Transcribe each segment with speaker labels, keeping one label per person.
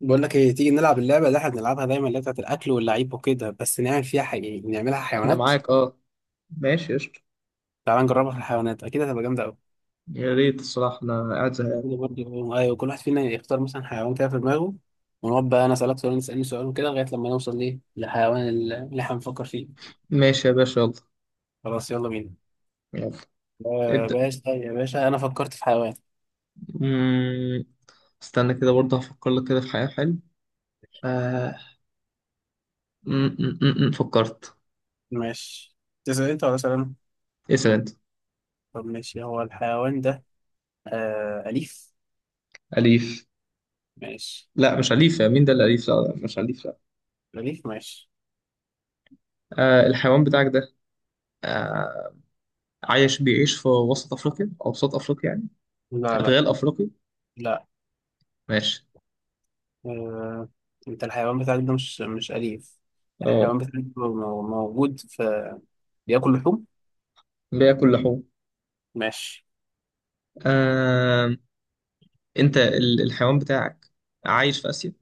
Speaker 1: بقول لك ايه؟ تيجي نلعب اللعبه اللي احنا بنلعبها دايما، اللي هي بتاعت الاكل واللعيب وكده، بس نعمل فيها حقيقي، نعملها
Speaker 2: انا
Speaker 1: حيوانات.
Speaker 2: معاك اه. ماشي قشطة.
Speaker 1: تعال نجربها في الحيوانات، اكيد هتبقى جامده قوي.
Speaker 2: يا ريت الصراحة، انا قاعد زهقان.
Speaker 1: برضه ايوه، كل واحد فينا يختار مثلا حيوان كده في دماغه. ونقعد بقى انا اسالك سؤال وأنت تسالني سؤال وكده لغايه لما نوصل ليه للحيوان اللي احنا بنفكر فيه.
Speaker 2: ماشي يا باشا، يلا.
Speaker 1: خلاص يلا بينا.
Speaker 2: يلا.
Speaker 1: آه
Speaker 2: ابدأ.
Speaker 1: باشا، طيب يا باشا، انا فكرت في حيوان.
Speaker 2: مم. استنى كده، برضه هفكر لك كده في حاجة حلوة. آه. فكرت.
Speaker 1: ماشي. تسال انت ولا اسال انا؟
Speaker 2: اسأل انت.
Speaker 1: طب ماشي، هو الحيوان ده اليف؟
Speaker 2: أليف؟
Speaker 1: ماشي
Speaker 2: لا مش أليف، يا مين ده اللي أليف؟ لا لا، مش أليف لا.
Speaker 1: اليف. ماشي.
Speaker 2: آه الحيوان بتاعك ده آه، عايش بيعيش في وسط أفريقيا أو وسط أفريقيا يعني؟
Speaker 1: لا لا
Speaker 2: أدغال أفريقي؟
Speaker 1: لا.
Speaker 2: ماشي.
Speaker 1: آه، انت الحيوان بتاعك ده مش أليف.
Speaker 2: اه
Speaker 1: الحيوان بتاعك ده موجود في، بياكل لحوم.
Speaker 2: بياكل لحوم.
Speaker 1: ماشي
Speaker 2: آه. انت الحيوان بتاعك عايش في آسيا؟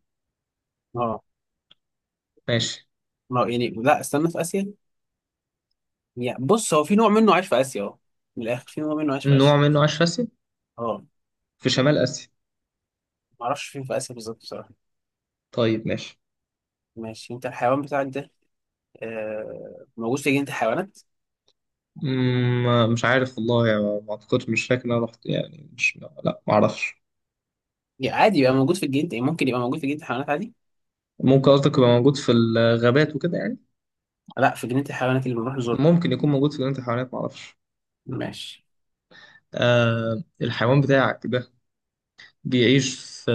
Speaker 1: اه.
Speaker 2: ماشي.
Speaker 1: ما هو يعني لا، استنى، في آسيا. يعني بص، هو في نوع منه عايش في آسيا اه. من الآخر، في نوع منه عايش في
Speaker 2: نوع
Speaker 1: آسيا
Speaker 2: منه عاش فاسد
Speaker 1: اه.
Speaker 2: في شمال آسيا؟
Speaker 1: معرفش فين في آسيا بالظبط بصراحة.
Speaker 2: طيب ماشي.
Speaker 1: ماشي. انت الحيوان بتاعك ده موجود في جنينة الحيوانات؟
Speaker 2: مم، مش عارف والله، يعني ما اعتقدش، مش فاكر ان انا رحت يعني، مش لا ما اعرفش.
Speaker 1: يعني عادي يبقى موجود في الجنينة، يعني ممكن يبقى موجود في جنينة الحيوانات عادي.
Speaker 2: ممكن قصدك يبقى موجود في الغابات وكده يعني؟
Speaker 1: لا، في جنينة الحيوانات اللي بنروح نزورها.
Speaker 2: ممكن يكون موجود في جنينة الحيوانات ما اعرفش.
Speaker 1: ماشي.
Speaker 2: آه الحيوان بتاعك ده بيعيش في،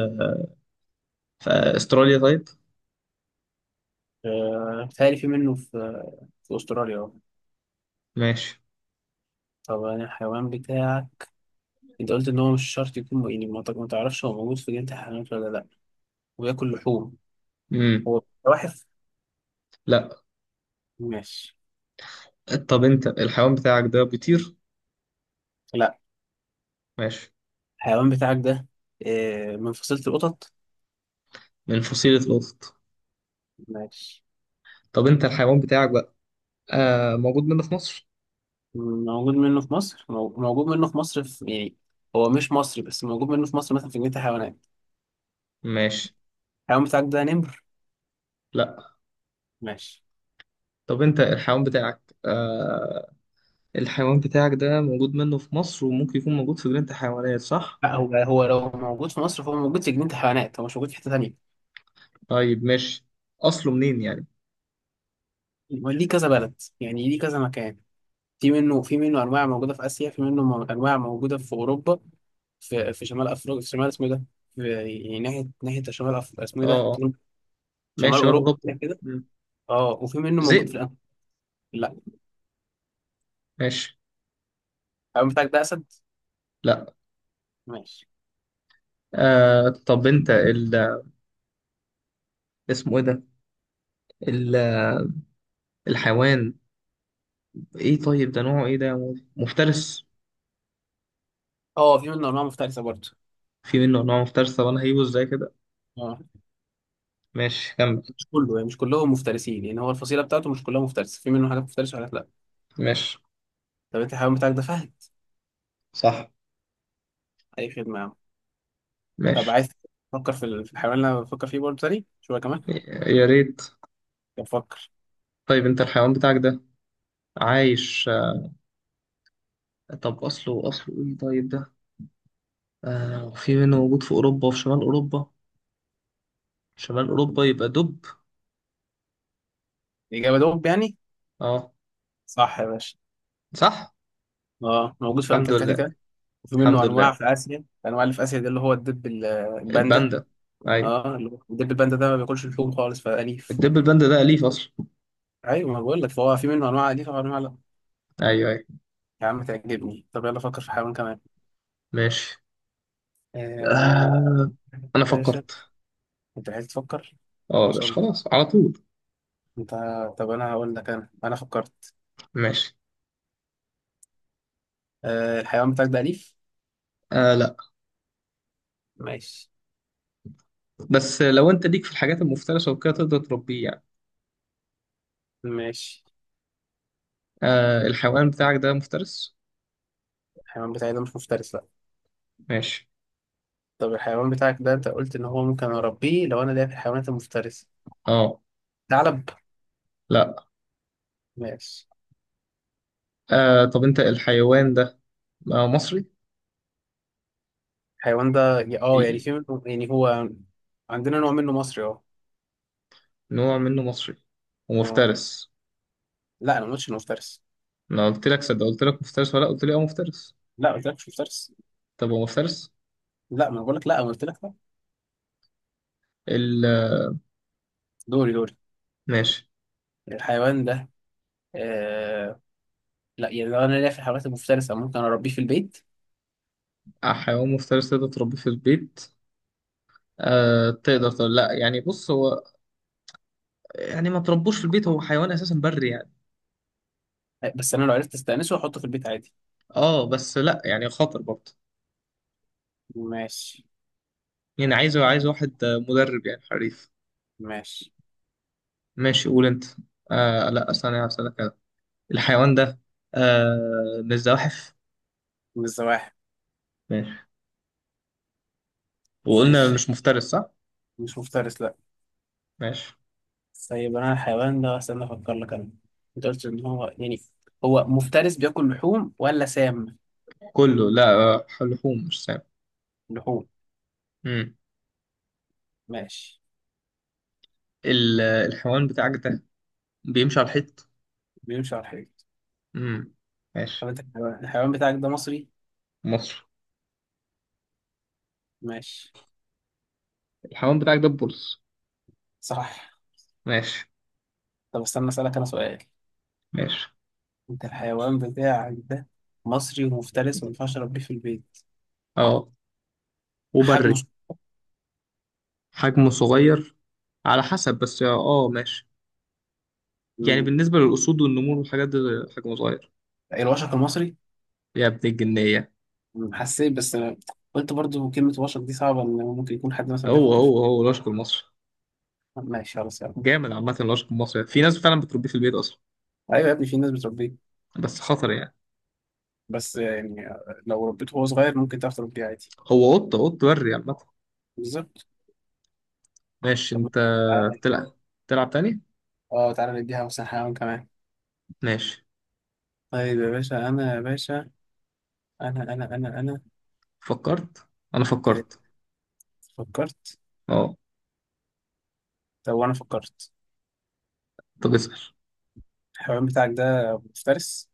Speaker 2: في استراليا طيب؟
Speaker 1: بيتهيألي في منه في، في أستراليا اه.
Speaker 2: ماشي.
Speaker 1: طب أنا الحيوان بتاعك، انت قلت ان هو مش شرط يكون، يعني ما تعرفش هو موجود في جنينة الحيوانات ولا لا، وياكل لحوم.
Speaker 2: مم.
Speaker 1: هو زواحف؟
Speaker 2: لا.
Speaker 1: ماشي
Speaker 2: طب انت الحيوان بتاعك ده بيطير؟
Speaker 1: لا.
Speaker 2: ماشي.
Speaker 1: الحيوان بتاعك ده من فصيلة القطط؟
Speaker 2: من فصيلة القطط.
Speaker 1: ماشي.
Speaker 2: طب انت الحيوان بتاعك بقى آه، موجود منه في مصر؟
Speaker 1: موجود منه في مصر موجود منه في مصر في يعني. هو مش مصري بس موجود منه في مصر مثلا في جنينة الحيوانات.
Speaker 2: ماشي.
Speaker 1: الحيوان بتاعك ده نمر؟
Speaker 2: لا.
Speaker 1: ماشي
Speaker 2: طب انت الحيوان بتاعك آه، الحيوان بتاعك ده موجود منه في مصر وممكن يكون موجود في جنينة الحيوانات صح؟
Speaker 1: لا. هو لو موجود في مصر فهو موجود في جنينة الحيوانات، هو مش موجود في حتة تانية.
Speaker 2: طيب ماشي. اصله منين يعني؟
Speaker 1: هو ليه كذا بلد، يعني ليه كذا مكان. في منه انواع موجوده في اسيا، في منه انواع موجوده في اوروبا. في شمال افريقيا، في شمال، اسمه إيه ده؟ في، يعني ناحيه شمال اسمه إيه
Speaker 2: اه
Speaker 1: ده؟
Speaker 2: اه. ماشي
Speaker 1: شمال
Speaker 2: شمال
Speaker 1: اوروبا
Speaker 2: اوروبا.
Speaker 1: كده كده.
Speaker 2: مم.
Speaker 1: اه وفي منه موجود
Speaker 2: ذئب؟
Speaker 1: في لا.
Speaker 2: ماشي.
Speaker 1: الأمن بتاعك ده اسد؟
Speaker 2: لا.
Speaker 1: ماشي.
Speaker 2: آه طب انت ال... اسمه ايه ده؟ ال... الحيوان ايه طيب، ده نوعه ايه ده يا مول؟ مفترس؟
Speaker 1: اه في منه انواع مفترسه برضه.
Speaker 2: في منه نوع مفترس؟ طب انا هجيبه ازاي كده؟
Speaker 1: اه
Speaker 2: ماشي كمل.
Speaker 1: مش كله، يعني مش كلهم مفترسين، يعني هو الفصيله بتاعته مش كلها مفترسه، في منه حاجات مفترسه وحاجات لا.
Speaker 2: ماشي.
Speaker 1: طب انت الحيوان بتاعك ده فهد؟
Speaker 2: صح.
Speaker 1: اي خدمه يا عم. طب
Speaker 2: ماشي.
Speaker 1: عايز تفكر في في الحيوان اللي انا بفكر فيه برضه تاني شويه كمان؟
Speaker 2: يا ريت.
Speaker 1: طب فكر.
Speaker 2: طيب انت الحيوان بتاعك ده عايش آه، طب اصله اصله ايه طيب ده؟ آه وفي منه موجود في أوروبا وفي شمال أوروبا. شمال أوروبا يبقى دب.
Speaker 1: الاجابه دول يعني؟
Speaker 2: اه.
Speaker 1: صح يا باشا.
Speaker 2: صح.
Speaker 1: اه موجود في
Speaker 2: الحمد لله.
Speaker 1: انتاركتيكا، وفي منه
Speaker 2: الحمد لله.
Speaker 1: انواع في اسيا، الانواع اللي في اسيا دي اللي هو الدب الباندا.
Speaker 2: الباندا. أيوة.
Speaker 1: اه اللي هو الدب الباندا ده ما بياكلش لحوم خالص فأليف.
Speaker 2: الدب الباندا ده أليف أصلا؟
Speaker 1: ايوه ما بقول لك، فهو في منه انواع اليفه وانواع لا.
Speaker 2: أيوة أيوة.
Speaker 1: يا عم تعجبني. طب يلا فكر في حيوان كمان.
Speaker 2: ماشي.
Speaker 1: آه
Speaker 2: آه أنا
Speaker 1: يا باشا،
Speaker 2: فكرت.
Speaker 1: انت عايز تفكر ان
Speaker 2: اه
Speaker 1: شاء
Speaker 2: مش
Speaker 1: الله.
Speaker 2: خلاص على طول.
Speaker 1: انت طب انا هقول لك، انا انا فكرت
Speaker 2: ماشي.
Speaker 1: الحيوان بتاعك ده اليف؟
Speaker 2: آه لا.
Speaker 1: ماشي
Speaker 2: بس لو أنت ليك في الحاجات المفترسة وكده تقدر تربيه يعني.
Speaker 1: ماشي.
Speaker 2: آه الحيوان بتاعك ده مفترس؟
Speaker 1: الحيوان بتاعي ده مش مفترس لا.
Speaker 2: ماشي.
Speaker 1: طب الحيوان بتاعك ده، انت قلت ان هو ممكن اربيه لو انا ليا في الحيوانات المفترسه،
Speaker 2: اه.
Speaker 1: ثعلب؟
Speaker 2: لا.
Speaker 1: ماشي.
Speaker 2: آه طب أنت الحيوان ده آه مصري؟
Speaker 1: الحيوان ده اه،
Speaker 2: بي-
Speaker 1: في منه، يعني هو، عندنا نوع منه مصري اه.
Speaker 2: نوع منه مصري
Speaker 1: اه
Speaker 2: ومفترس.
Speaker 1: لا انا ما قلتش انه مفترس.
Speaker 2: ما قلت لك؟ صدق، قلت لك مفترس ولا لأ؟ قلت لي اه مفترس.
Speaker 1: لا ما قلتلكش مفترس.
Speaker 2: طب هو مفترس؟
Speaker 1: لا ما انا بقول لك لا، انا قلت لك لا.
Speaker 2: ال.
Speaker 1: دوري دوري.
Speaker 2: ماشي.
Speaker 1: الحيوان ده آه... لا، يعني لو انا ليا في الحيوانات المفترسه ممكن اربيه في البيت.
Speaker 2: آه، حيوان مفترس تقدر تربيه في البيت؟ آه تقدر تقول لا يعني، بص هو يعني ما تربوش في البيت، هو حيوان اساسا بري يعني.
Speaker 1: بس انا لو عرفت استأنسه واحطه في البيت عادي.
Speaker 2: اه بس لا يعني خطر برضه.
Speaker 1: ماشي.
Speaker 2: يعني عايز، عايز واحد آه، مدرب يعني حريف.
Speaker 1: ماشي.
Speaker 2: ماشي قول انت. آه لا استنى هسألك كده. الحيوان ده آه من الزواحف؟
Speaker 1: من الزواحف.
Speaker 2: ماشي. وقلنا
Speaker 1: ماشي.
Speaker 2: مش مفترس صح؟
Speaker 1: مش مفترس لا.
Speaker 2: ماشي.
Speaker 1: طيب انا الحيوان ده، استنى افكر لك انا، انت قلت ان هو يعني، هو مفترس بياكل لحوم ولا سام؟
Speaker 2: كله لا، آه، لحوم مش سام.
Speaker 1: لحوم.
Speaker 2: مم.
Speaker 1: ماشي.
Speaker 2: الحيوان بتاعك ده بيمشي على الحيط؟
Speaker 1: بيمشي على الحيط.
Speaker 2: امم.
Speaker 1: طب
Speaker 2: ماشي.
Speaker 1: انت الحيوان بتاعك ده مصري؟
Speaker 2: مصر.
Speaker 1: ماشي.
Speaker 2: الحيوان بتاعك ده البولس؟
Speaker 1: صح.
Speaker 2: ماشي.
Speaker 1: طب استنى اسألك انا سؤال.
Speaker 2: ماشي.
Speaker 1: انت الحيوان بتاعك ده مصري ومفترس وما ينفعش اربيه في البيت.
Speaker 2: اه وبري.
Speaker 1: حجمه
Speaker 2: حجمه صغير، على حسب بس اه ماشي. يعني
Speaker 1: مم.
Speaker 2: بالنسبة للأسود والنمور والحاجات دي حجمه صغير.
Speaker 1: الوشق المصري.
Speaker 2: يا ابن الجنية!
Speaker 1: مم. حسيت بس أنا، قلت برضو كلمة وشق دي صعبة، ان ممكن يكون حد مثلا
Speaker 2: هو
Speaker 1: بيفكر فيها.
Speaker 2: هو هو الأشق المصري.
Speaker 1: ماشي خلاص يعني.
Speaker 2: جامد. عامة الأشق المصري في ناس فعلا بتربيه في البيت أصلا.
Speaker 1: ايوه يا ابني في ناس بتربيه.
Speaker 2: بس خطر يعني.
Speaker 1: بس يعني لو ربيته وهو صغير ممكن تعرف تربيه عادي.
Speaker 2: هو قطة بري عامة.
Speaker 1: بالظبط.
Speaker 2: ماشي
Speaker 1: طب
Speaker 2: أنت.
Speaker 1: تعالى.
Speaker 2: تلعب؟ تلعب تاني؟
Speaker 1: اه تعالى نديها مثلا حيوان كمان.
Speaker 2: ماشي.
Speaker 1: طيب يا باشا، انا يا باشا، انا
Speaker 2: فكرت. أنا
Speaker 1: آه،
Speaker 2: فكرت.
Speaker 1: فكرت.
Speaker 2: اه.
Speaker 1: طب وانا فكرت.
Speaker 2: أنت بتسأل.
Speaker 1: الحيوان بتاعك ده مفترس؟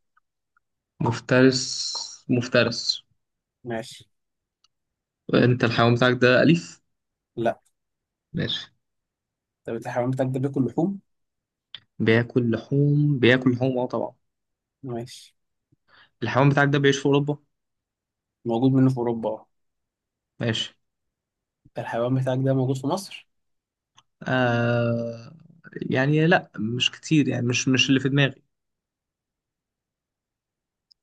Speaker 2: مفترس. مفترس.
Speaker 1: ماشي
Speaker 2: انت الحيوان بتاعك ده أليف؟
Speaker 1: لا.
Speaker 2: ماشي.
Speaker 1: طب انت الحيوان بتاعك ده بياكل لحوم؟
Speaker 2: بياكل لحوم، بياكل لحوم اه طبعا.
Speaker 1: ماشي.
Speaker 2: الحيوان بتاعك ده بيعيش في أوروبا؟
Speaker 1: موجود منه في اوروبا اه.
Speaker 2: ماشي.
Speaker 1: انت الحيوان بتاعك ده موجود في مصر؟
Speaker 2: آه، يعني لا مش كتير، يعني مش مش اللي في دماغي.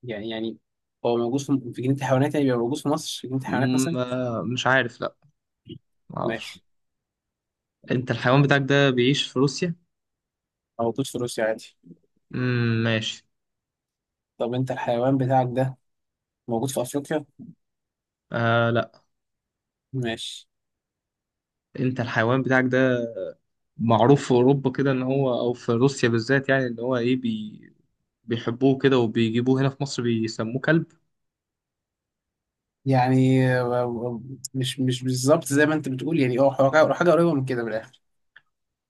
Speaker 1: يعني هو موجود في جنينة الحيوانات يعني، بيبقى موجود في مصر في جنينة الحيوانات مثلا.
Speaker 2: م- آه، مش عارف لا، معرفش.
Speaker 1: ماشي.
Speaker 2: انت الحيوان بتاعك ده بيعيش في روسيا؟
Speaker 1: موجود في روسيا عادي.
Speaker 2: مم، ماشي.
Speaker 1: طب انت الحيوان بتاعك ده موجود في افريقيا؟
Speaker 2: آه لا.
Speaker 1: ماشي.
Speaker 2: انت الحيوان بتاعك ده معروف في أوروبا كده ان هو، او في روسيا بالذات يعني، ان هو ايه بي بيحبوه كده وبيجيبوه هنا في مصر بيسموه كلب؟
Speaker 1: يعني مش بالظبط زي ما انت بتقول، يعني اه حاجة قريبة من كده، من الاخر.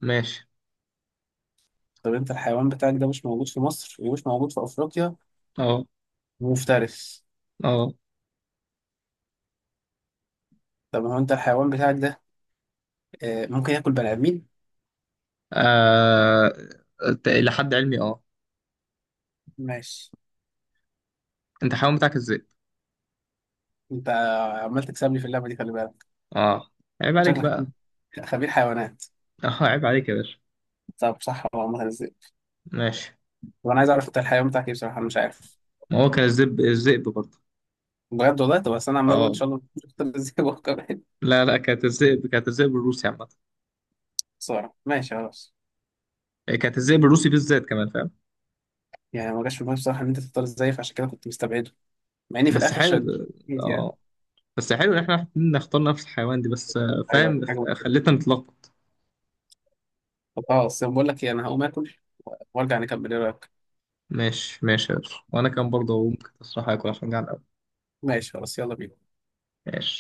Speaker 2: ماشي.
Speaker 1: طب انت الحيوان بتاعك ده مش موجود في مصر ومش موجود في افريقيا
Speaker 2: اه.
Speaker 1: ومفترس.
Speaker 2: اه.
Speaker 1: طب هو انت الحيوان بتاعك ده ممكن ياكل بني ادمين؟
Speaker 2: آه، ت- الى حد علمي اه.
Speaker 1: ماشي.
Speaker 2: انت حيوان بتاعك الذئب؟
Speaker 1: انت عمال تكسبني في اللعبه دي، خلي بالك.
Speaker 2: اه عيب عليك
Speaker 1: شكلك
Speaker 2: بقى.
Speaker 1: خبير حيوانات.
Speaker 2: اه عيب عليك يا باشا.
Speaker 1: طب صح ولا مثلا ازاي؟
Speaker 2: ماشي.
Speaker 1: طب انا عايز اعرف انت الحيوان بتاعك ايه، بصراحه انا مش عارف.
Speaker 2: ما هو كان الذئب، الذئب برضه.
Speaker 1: بجد والله. طب بس انا عمال اقول ان
Speaker 2: اه.
Speaker 1: شاء الله تختار ازاي وهو كمان.
Speaker 2: لا كانت الذئب، كانت الذئب الروسي عامة.
Speaker 1: صورة ماشي خلاص.
Speaker 2: إيه، كانت الذئب الروسي بالذات كمان فاهم.
Speaker 1: يعني ما جاش في دماغي بصراحه ان انت تختار ازاي، فعشان كده كنت مستبعده، مع اني في
Speaker 2: بس
Speaker 1: الاخر شديت
Speaker 2: حلو.
Speaker 1: يعني.
Speaker 2: اه. بس حلو ان احنا الاتنين نختار نفس الحيوان دي، بس آه،
Speaker 1: ايوه
Speaker 2: فاهم
Speaker 1: حاجه.
Speaker 2: خلتنا نتلخبط.
Speaker 1: طب خلاص بقول لك ايه، انا هقوم اكل وارجع نكمل، ايه رايك؟
Speaker 2: ماشي. ماشي يا باشا، وانا كان برضه ممكن تصراحة اكل عشان جعان قوي.
Speaker 1: ماشي خلاص يلا بينا.
Speaker 2: ماشي.